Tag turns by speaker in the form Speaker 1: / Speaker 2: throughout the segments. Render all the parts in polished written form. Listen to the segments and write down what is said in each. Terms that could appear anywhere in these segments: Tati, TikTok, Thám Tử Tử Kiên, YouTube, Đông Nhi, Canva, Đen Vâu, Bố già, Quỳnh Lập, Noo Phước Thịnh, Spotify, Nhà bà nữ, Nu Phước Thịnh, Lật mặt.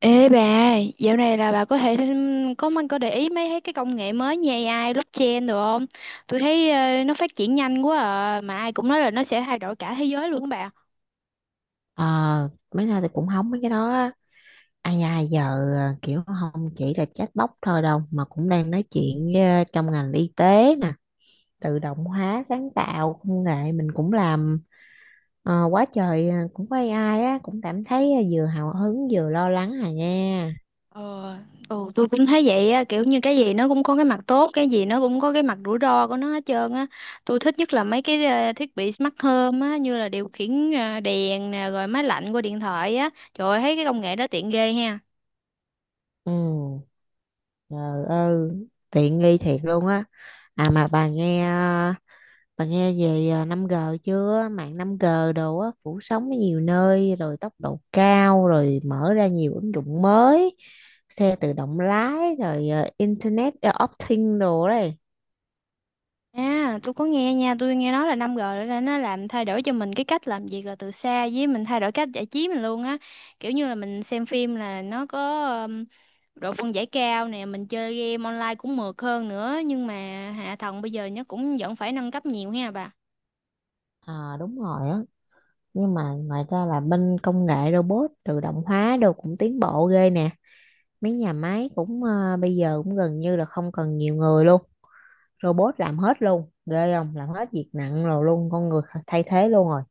Speaker 1: Ê bà, dạo này là bà có để ý mấy thấy cái công nghệ mới như AI, blockchain được không? Tôi thấy nó phát triển nhanh quá à, mà ai cũng nói là nó sẽ thay đổi cả thế giới luôn á bà.
Speaker 2: Ờ, mấy nay thì cũng hóng mấy cái đó á. Ai ai giờ kiểu không chỉ là chatbot thôi đâu, mà cũng đang nói chuyện với, trong ngành y tế nè, tự động hóa sáng tạo công nghệ mình cũng làm quá trời à, cũng có AI á, cũng cảm thấy à, vừa hào hứng vừa lo lắng à nha.
Speaker 1: Ờ, ừ, tôi cũng thấy vậy á, kiểu như cái gì nó cũng có cái mặt tốt, cái gì nó cũng có cái mặt rủi ro của nó hết trơn á. Tôi thích nhất là mấy cái thiết bị smart home á, như là điều khiển đèn nè, rồi máy lạnh qua điện thoại á. Trời ơi, thấy cái công nghệ đó tiện ghê ha.
Speaker 2: Ừ, trời ơi tiện nghi thiệt luôn á. À mà bà nghe bà nghe về à, 5G chưa? Mạng 5G đồ á, phủ sóng ở nhiều nơi, rồi tốc độ cao, rồi mở ra nhiều ứng dụng mới, xe tự động lái, rồi à, Internet of Things đồ đấy.
Speaker 1: À, tôi có nghe nha, tôi nghe nói là 5 rồi là nó làm thay đổi cho mình cái cách làm việc là từ xa với mình thay đổi cách giải trí mình luôn á. Kiểu như là mình xem phim là nó có độ phân giải cao nè, mình chơi game online cũng mượt hơn nữa, nhưng mà hạ tầng bây giờ nó cũng vẫn phải nâng cấp nhiều ha bà.
Speaker 2: À, đúng rồi á. Nhưng mà ngoài ra là bên công nghệ robot tự động hóa đồ cũng tiến bộ ghê nè. Mấy nhà máy cũng à, bây giờ cũng gần như là không cần nhiều người luôn. Robot làm hết luôn. Ghê không? Làm hết việc nặng rồi luôn. Con người thay thế luôn rồi.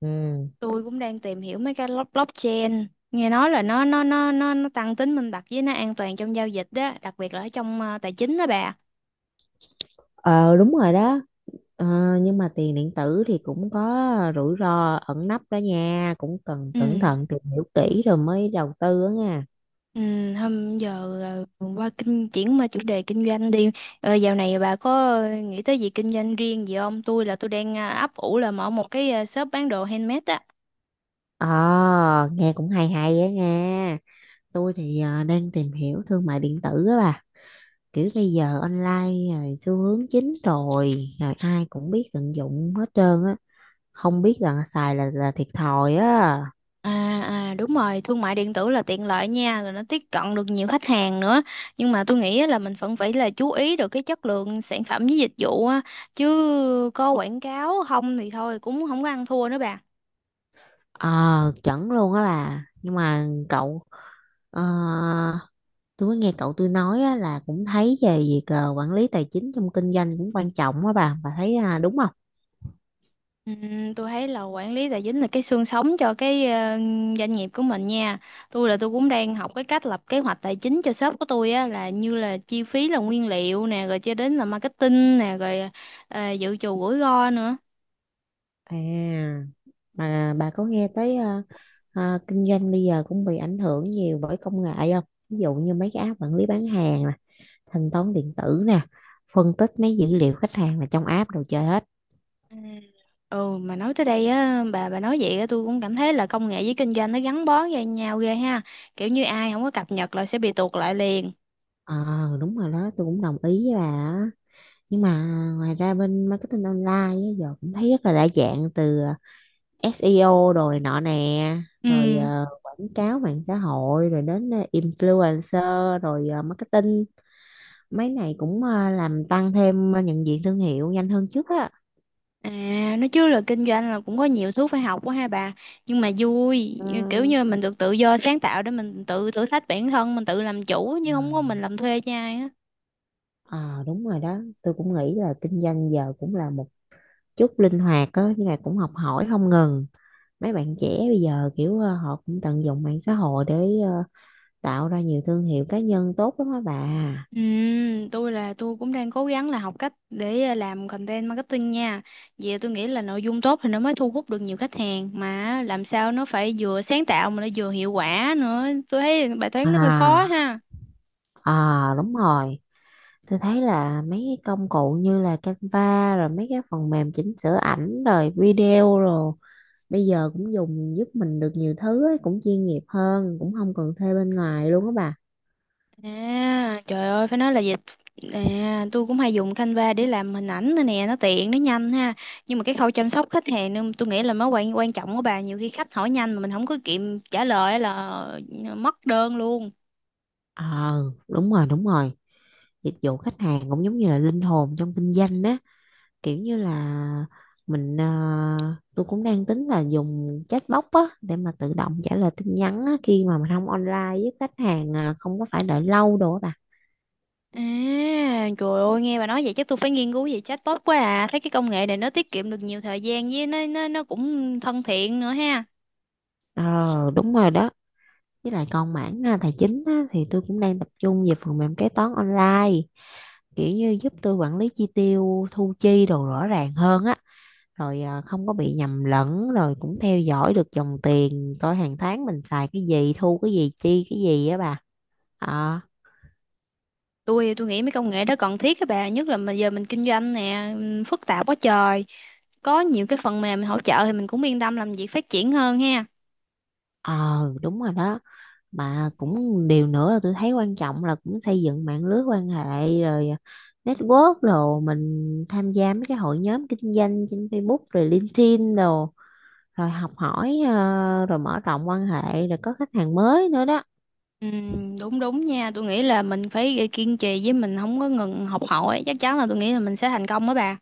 Speaker 2: Ừ.
Speaker 1: Tôi cũng đang tìm hiểu mấy cái blockchain, nghe nói là nó tăng tính minh bạch với nó an toàn trong giao dịch đó, đặc biệt là ở trong tài chính đó bà.
Speaker 2: Ờ đúng rồi đó. Ờ, nhưng mà tiền điện tử thì cũng có rủi ro ẩn nấp đó nha, cũng cần cẩn
Speaker 1: Ừ.
Speaker 2: thận tìm hiểu kỹ rồi mới đầu tư á nha.
Speaker 1: Ừ, hôm giờ ờ, qua kinh chuyển qua chủ đề kinh doanh đi. Ờ, dạo này bà có nghĩ tới gì kinh doanh riêng gì không? Tôi đang ấp ủ là mở một cái shop bán đồ handmade á.
Speaker 2: Ờ nghe cũng hay hay á nha, tôi thì đang tìm hiểu thương mại điện tử á bà, kiểu bây giờ online rồi xu hướng chính rồi rồi ai cũng biết tận dụng hết trơn á, không biết là xài là thiệt thòi á.
Speaker 1: À, à đúng rồi, thương mại điện tử là tiện lợi nha, rồi nó tiếp cận được nhiều khách hàng nữa. Nhưng mà tôi nghĩ á là mình vẫn phải là chú ý được cái chất lượng sản phẩm với dịch vụ á, chứ có quảng cáo không thì thôi cũng không có ăn thua nữa bà.
Speaker 2: Ờ chuẩn luôn á bà. Nhưng mà cậu ờ, tôi có nghe cậu tôi nói á, là cũng thấy về việc ờ, quản lý tài chính trong kinh doanh cũng quan trọng á bà thấy à, đúng không?
Speaker 1: Tôi thấy là quản lý tài chính là cái xương sống cho cái doanh nghiệp của mình nha. Tôi cũng đang học cái cách lập kế hoạch tài chính cho shop của tôi á là như là chi phí là nguyên liệu nè, rồi cho đến là marketing nè, rồi dự trù rủi ro nữa.
Speaker 2: À bà có nghe tới kinh doanh bây giờ cũng bị ảnh hưởng nhiều bởi công nghệ không? Ví dụ như mấy cái app quản lý bán hàng nè, thanh toán điện tử nè, phân tích mấy dữ liệu khách hàng là trong app đồ chơi hết.
Speaker 1: Ừ. Ừ mà nói tới đây á bà nói vậy á tôi cũng cảm thấy là công nghệ với kinh doanh nó gắn bó với nhau ghê ha. Kiểu như ai không có cập nhật là sẽ bị tuột lại liền.
Speaker 2: Ờ đúng rồi đó, tôi cũng đồng ý với bà á. Nhưng mà ngoài ra bên marketing online á, giờ cũng thấy rất là đa dạng, từ SEO rồi nọ nè,
Speaker 1: Ừ.
Speaker 2: rồi quảng cáo mạng xã hội, rồi đến influencer, rồi marketing. Mấy này cũng ờ, làm tăng thêm ờ, nhận diện thương hiệu nhanh hơn trước á.
Speaker 1: À, nói chứ là kinh doanh là cũng có nhiều thứ phải học quá ha bà. Nhưng mà vui,
Speaker 2: Ừ.
Speaker 1: kiểu như mình được tự do sáng tạo để mình tự thử thách bản thân, mình tự làm chủ chứ không có
Speaker 2: Ờ.
Speaker 1: mình làm thuê cho ai á.
Speaker 2: Ờ, đúng rồi đó, tôi cũng nghĩ là kinh doanh giờ cũng là một chút linh hoạt á, nhưng mà cũng học hỏi không ngừng. Mấy bạn trẻ bây giờ kiểu họ cũng tận dụng mạng xã hội để tạo ra nhiều thương hiệu cá nhân tốt lắm á bà.
Speaker 1: Ừ, tôi cũng đang cố gắng là học cách để làm content marketing nha. Vì tôi nghĩ là nội dung tốt thì nó mới thu hút được nhiều khách hàng mà làm sao nó phải vừa sáng tạo mà nó vừa hiệu quả nữa. Tôi thấy bài toán nó hơi khó
Speaker 2: À,
Speaker 1: ha.
Speaker 2: à đúng rồi. Tôi thấy là mấy cái công cụ như là Canva, rồi mấy cái phần mềm chỉnh sửa ảnh rồi video, rồi bây giờ cũng dùng giúp mình được nhiều thứ ấy, cũng chuyên nghiệp hơn, cũng không cần thuê bên ngoài luôn á bà.
Speaker 1: À, trời ơi, phải nói là dịch à, tôi cũng hay dùng Canva để làm hình ảnh nữa nè, nó tiện, nó nhanh ha. Nhưng mà cái khâu chăm sóc khách hàng nên tôi nghĩ là mới quan quan trọng của bà, nhiều khi khách hỏi nhanh mà mình không có kịp trả lời á là mất đơn luôn.
Speaker 2: Ờ đúng rồi, dịch vụ khách hàng cũng giống như là linh hồn trong kinh doanh á, kiểu như là mình tôi cũng đang tính là dùng chatbot á để mà tự động trả lời tin nhắn á, khi mà mình không online với khách hàng à, không có phải đợi lâu đồ á bà.
Speaker 1: À, trời ơi, nghe bà nói vậy chắc tôi phải nghiên cứu về chatbot quá à. Thấy cái công nghệ này nó tiết kiệm được nhiều thời gian với nó cũng thân thiện nữa ha.
Speaker 2: Ờ đúng rồi đó, với lại còn mảng à, tài chính á, thì tôi cũng đang tập trung về phần mềm kế toán online, kiểu như giúp tôi quản lý chi tiêu thu chi đồ rõ ràng hơn á, rồi à, không có bị nhầm lẫn, rồi cũng theo dõi được dòng tiền, coi hàng tháng mình xài cái gì thu cái gì chi cái gì á bà. ờ
Speaker 1: Tôi nghĩ mấy công nghệ đó cần thiết các bạn nhất là mà giờ mình kinh doanh nè phức tạp quá trời, có nhiều cái phần mềm hỗ trợ thì mình cũng yên tâm làm việc phát triển hơn ha.
Speaker 2: ờ đúng rồi đó, mà cũng điều nữa là tôi thấy quan trọng là cũng xây dựng mạng lưới quan hệ, rồi à, network, rồi mình tham gia mấy cái hội nhóm kinh doanh trên Facebook rồi LinkedIn đồ, rồi học hỏi ờ, rồi mở rộng quan hệ, rồi có khách hàng mới nữa đó.
Speaker 1: Đúng đúng nha, tôi nghĩ là mình phải kiên trì với mình không có ngừng học hỏi, chắc chắn là tôi nghĩ là mình sẽ thành công đó bà.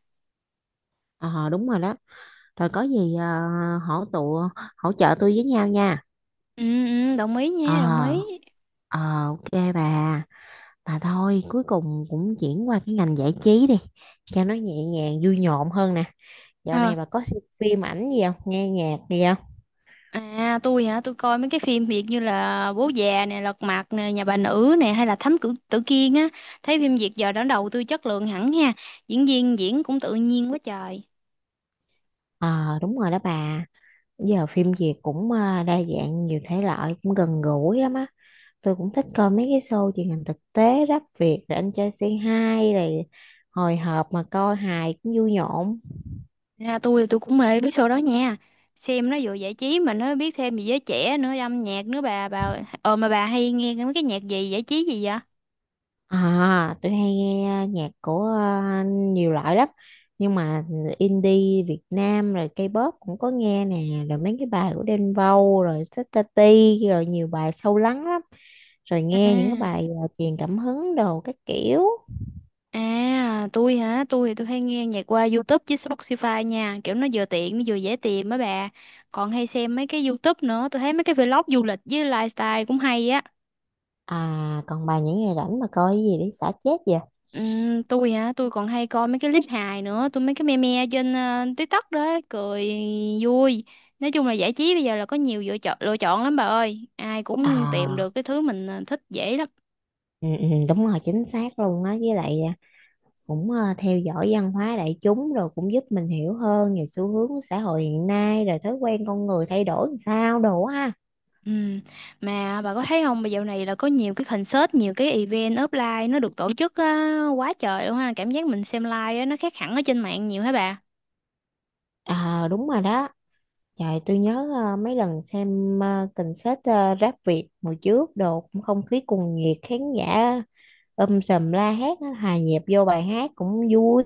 Speaker 2: Ờ đúng rồi đó, rồi có gì hỗ tụ hỗ trợ tôi với nhau nha.
Speaker 1: Ừ, ừ, đồng ý
Speaker 2: ờ
Speaker 1: nha, đồng ý.
Speaker 2: ờ ok bà bà thôi cuối cùng cũng chuyển qua cái ngành giải trí đi cho nó nhẹ nhàng vui nhộn hơn nè. Dạo
Speaker 1: Ờ,
Speaker 2: này bà có xem phim ảnh gì không, nghe nhạc gì không?
Speaker 1: à tôi hả, tôi coi mấy cái phim Việt như là Bố Già nè, Lật Mặt nè, Nhà Bà Nữ nè, hay là Thám Tử Tử Kiên á, thấy phim Việt giờ đã đầu tư chất lượng hẳn ha, diễn viên diễn cũng tự nhiên quá trời.
Speaker 2: Ờ đúng rồi đó bà, giờ phim Việt cũng đa dạng nhiều thể loại, cũng gần gũi lắm á. Tôi cũng thích coi mấy cái show truyền hình thực tế, rap Việt rồi anh trai C2 rồi, hồi hộp mà coi hài cũng vui nhộn.
Speaker 1: Ra tôi thì tôi cũng mê mấy show đó nha. Xem nó vừa giải trí mà nó biết thêm về giới trẻ nữa, âm nhạc nữa bà. Ờ mà bà hay nghe mấy cái nhạc gì giải trí gì vậy?
Speaker 2: À tôi hay nghe nhạc của nhiều loại lắm, nhưng mà indie Việt Nam rồi K-pop cũng có nghe nè, rồi mấy cái bài của Đen Vâu rồi Tati rồi nhiều bài sâu lắng lắm, rồi
Speaker 1: À,
Speaker 2: nghe những cái bài truyền cảm hứng đồ các kiểu.
Speaker 1: à tôi hả? Tôi thì tôi hay nghe nhạc qua YouTube với Spotify nha, kiểu nó vừa tiện nó vừa dễ tìm á bà. Còn hay xem mấy cái YouTube nữa, tôi thấy mấy cái vlog du lịch với lifestyle cũng hay á.
Speaker 2: À còn bài những ngày rảnh mà coi cái gì để xả chết vậy?
Speaker 1: Tôi hả, tôi còn hay coi mấy cái clip hài nữa, tôi mấy cái meme trên TikTok đó, cười vui. Nói chung là giải trí bây giờ là có nhiều lựa chọn lắm bà ơi, ai cũng tìm được
Speaker 2: À
Speaker 1: cái thứ mình thích dễ lắm.
Speaker 2: ừ, đúng rồi, chính xác luôn á. Với lại cũng theo dõi văn hóa đại chúng rồi cũng giúp mình hiểu hơn về xu hướng của xã hội hiện nay, rồi thói quen con người thay đổi làm sao đồ ha.
Speaker 1: Ừm, mà bà có thấy không, bây giờ này là có nhiều cái concert, nhiều cái event offline nó được tổ chức á, quá trời luôn ha, cảm giác mình xem live á, nó khác hẳn ở trên mạng nhiều hả bà.
Speaker 2: À đúng rồi đó, trời tôi nhớ mấy lần xem concert rap Việt hồi trước đồ, cũng không khí cuồng nhiệt khán giả sùm la hét á, hòa nhịp vô bài hát cũng vui.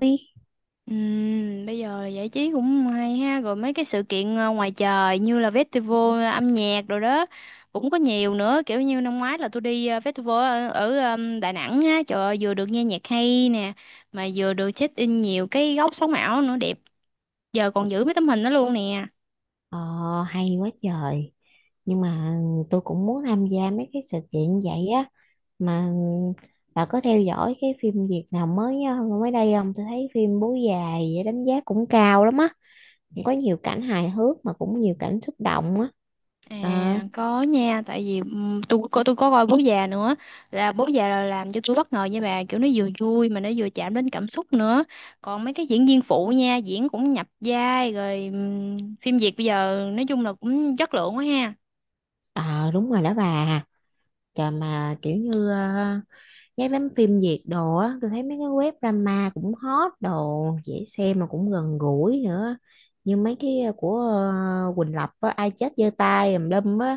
Speaker 1: Bây giờ giải trí cũng hay ha, rồi mấy cái sự kiện ngoài trời như là festival âm nhạc rồi đó cũng có nhiều nữa, kiểu như năm ngoái là tôi đi festival ở Đà Nẵng á, trời ơi, vừa được nghe nhạc hay nè, mà vừa được check in nhiều cái góc sống ảo nữa đẹp, giờ còn giữ mấy tấm hình đó luôn nè.
Speaker 2: Ờ hay quá trời. Nhưng mà ừ, tôi cũng muốn tham gia mấy cái sự kiện vậy á. Mà bà có theo dõi cái phim Việt nào mới á, mới đây không? Tôi thấy phim Bố Già vậy đánh giá cũng cao lắm á, cũng có nhiều cảnh hài hước mà cũng nhiều cảnh xúc động á. Ờ
Speaker 1: À có nha, tại vì tôi có coi Bố Già nữa, là Bố Già là làm cho tôi bất ngờ nha bà, kiểu nó vừa vui mà nó vừa chạm đến cảm xúc nữa, còn mấy cái diễn viên phụ nha diễn cũng nhập vai, rồi phim Việt bây giờ nói chung là cũng chất lượng quá ha.
Speaker 2: ờ, đúng rồi đó bà. Trời mà kiểu như cái đám phim Việt đồ á, tôi thấy mấy cái web drama cũng hot đồ, dễ xem mà cũng gần gũi nữa, như mấy cái của Quỳnh Lập á, ai chết giơ tay tùm lum á,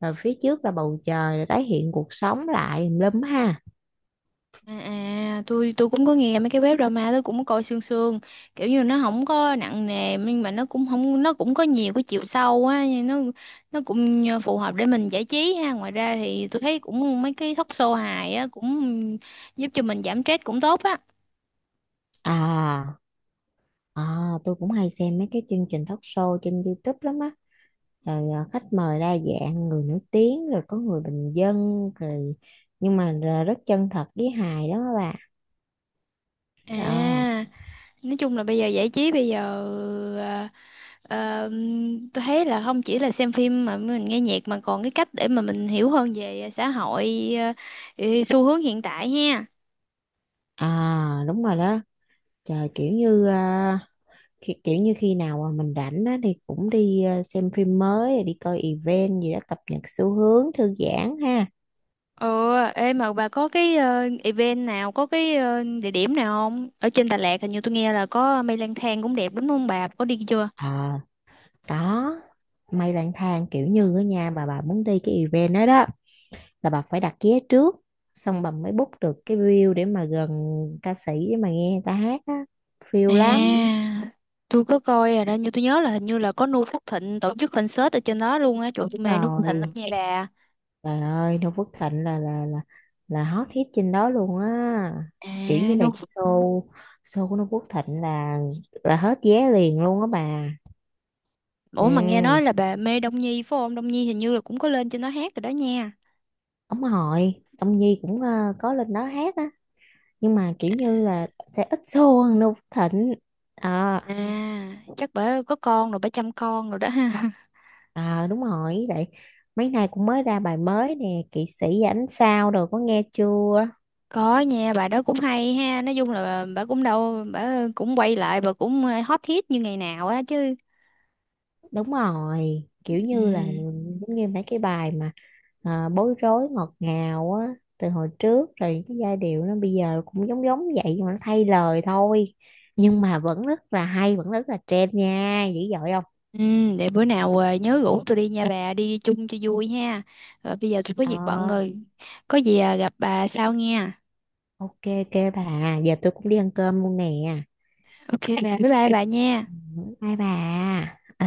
Speaker 2: rồi phía trước là bầu trời rồi tái hiện cuộc sống lại tùm lum ha.
Speaker 1: À, à tôi cũng có nghe mấy cái web drama, tôi cũng có coi sương sương, kiểu như nó không có nặng nề nhưng mà nó cũng không nó cũng có nhiều cái chiều sâu á, nhưng nó cũng phù hợp để mình giải trí ha. Ngoài ra thì tôi thấy cũng mấy cái talk show hài á, cũng giúp cho mình giảm stress cũng tốt á.
Speaker 2: À, à, tôi cũng hay xem mấy cái chương trình talk show trên YouTube lắm á. Rồi à, khách mời đa dạng, người nổi tiếng, rồi có người bình dân, rồi nhưng mà rất chân thật với hài đó các bạn.
Speaker 1: À,
Speaker 2: Ờ,
Speaker 1: nói chung là bây giờ giải trí bây giờ à, ờ, tôi thấy là không chỉ là xem phim mà mình nghe nhạc mà còn cái cách để mà mình hiểu hơn về xã hội xu hướng hiện tại ha.
Speaker 2: à, đúng rồi đó. Trời, kiểu như à, kiểu như khi nào mà mình rảnh á thì cũng đi à, xem phim mới, rồi đi coi event gì đó, cập nhật xu hướng, thư giãn ha.
Speaker 1: Ờ, ê mà bà có cái event nào, có cái địa điểm nào không? Ở trên Đà Lạt hình như tôi nghe là có Mây Lang Thang cũng đẹp đúng không bà? Có đi chưa?
Speaker 2: Ờ, có. Mây lang thang, kiểu như ở nhà bà muốn đi cái event đó đó, là bà phải đặt vé trước, xong bà mới book được cái view để mà gần ca sĩ để mà nghe người ta hát á,
Speaker 1: Ừ.
Speaker 2: phiêu lắm.
Speaker 1: À, tôi có coi rồi đó, nhưng tôi nhớ là hình như là có Nu Phước Thịnh tổ chức concert ở trên đó luôn á. Trời, tôi mê Nu Phước Thịnh lắm
Speaker 2: Rồi
Speaker 1: nha bà.
Speaker 2: trời ơi, Noo Phước Thịnh là hot hit trên đó luôn á, kiểu
Speaker 1: À,
Speaker 2: như là
Speaker 1: Nu Phước-
Speaker 2: show show của Noo Phước Thịnh là hết vé liền luôn á bà.
Speaker 1: Ủa mà nghe
Speaker 2: Ừ,
Speaker 1: nói là bà mê Đông Nhi phải không? Đông Nhi hình như là cũng có lên trên đó hát rồi đó nha.
Speaker 2: ông Hội ông Nhi cũng có lên đó hát á, nhưng mà kiểu như là sẽ ít show hơn Noo Phước Thịnh. Ờ.
Speaker 1: À, chắc bà có con rồi, bà chăm con rồi đó ha.
Speaker 2: Ờ đúng rồi vậy, mấy nay cũng mới ra bài mới nè, kỵ sĩ và ánh sao rồi có nghe chưa?
Speaker 1: Có nha, bà đó cũng hay ha. Nói chung là bà, cũng đâu, bà cũng quay lại, bà cũng hot hit như ngày nào á chứ.
Speaker 2: Đúng rồi, kiểu như là
Speaker 1: Ừ,
Speaker 2: giống như mấy cái bài mà à, bối rối ngọt ngào á từ hồi trước rồi, cái giai điệu nó bây giờ cũng giống giống vậy nhưng mà nó thay lời thôi, nhưng mà vẫn rất là hay, vẫn rất là trend nha, dữ dội không?
Speaker 1: ừ, để bữa nào nhớ rủ tôi đi nha bà, đi chung cho vui ha. Rồi bây giờ tôi có
Speaker 2: Ờ
Speaker 1: việc bận rồi. Có gì gặp bà sau nha.
Speaker 2: ok, ok bà, giờ tôi cũng đi ăn cơm luôn nè.
Speaker 1: Ok bà, bye bye bà nha.
Speaker 2: Bye bà. Ờ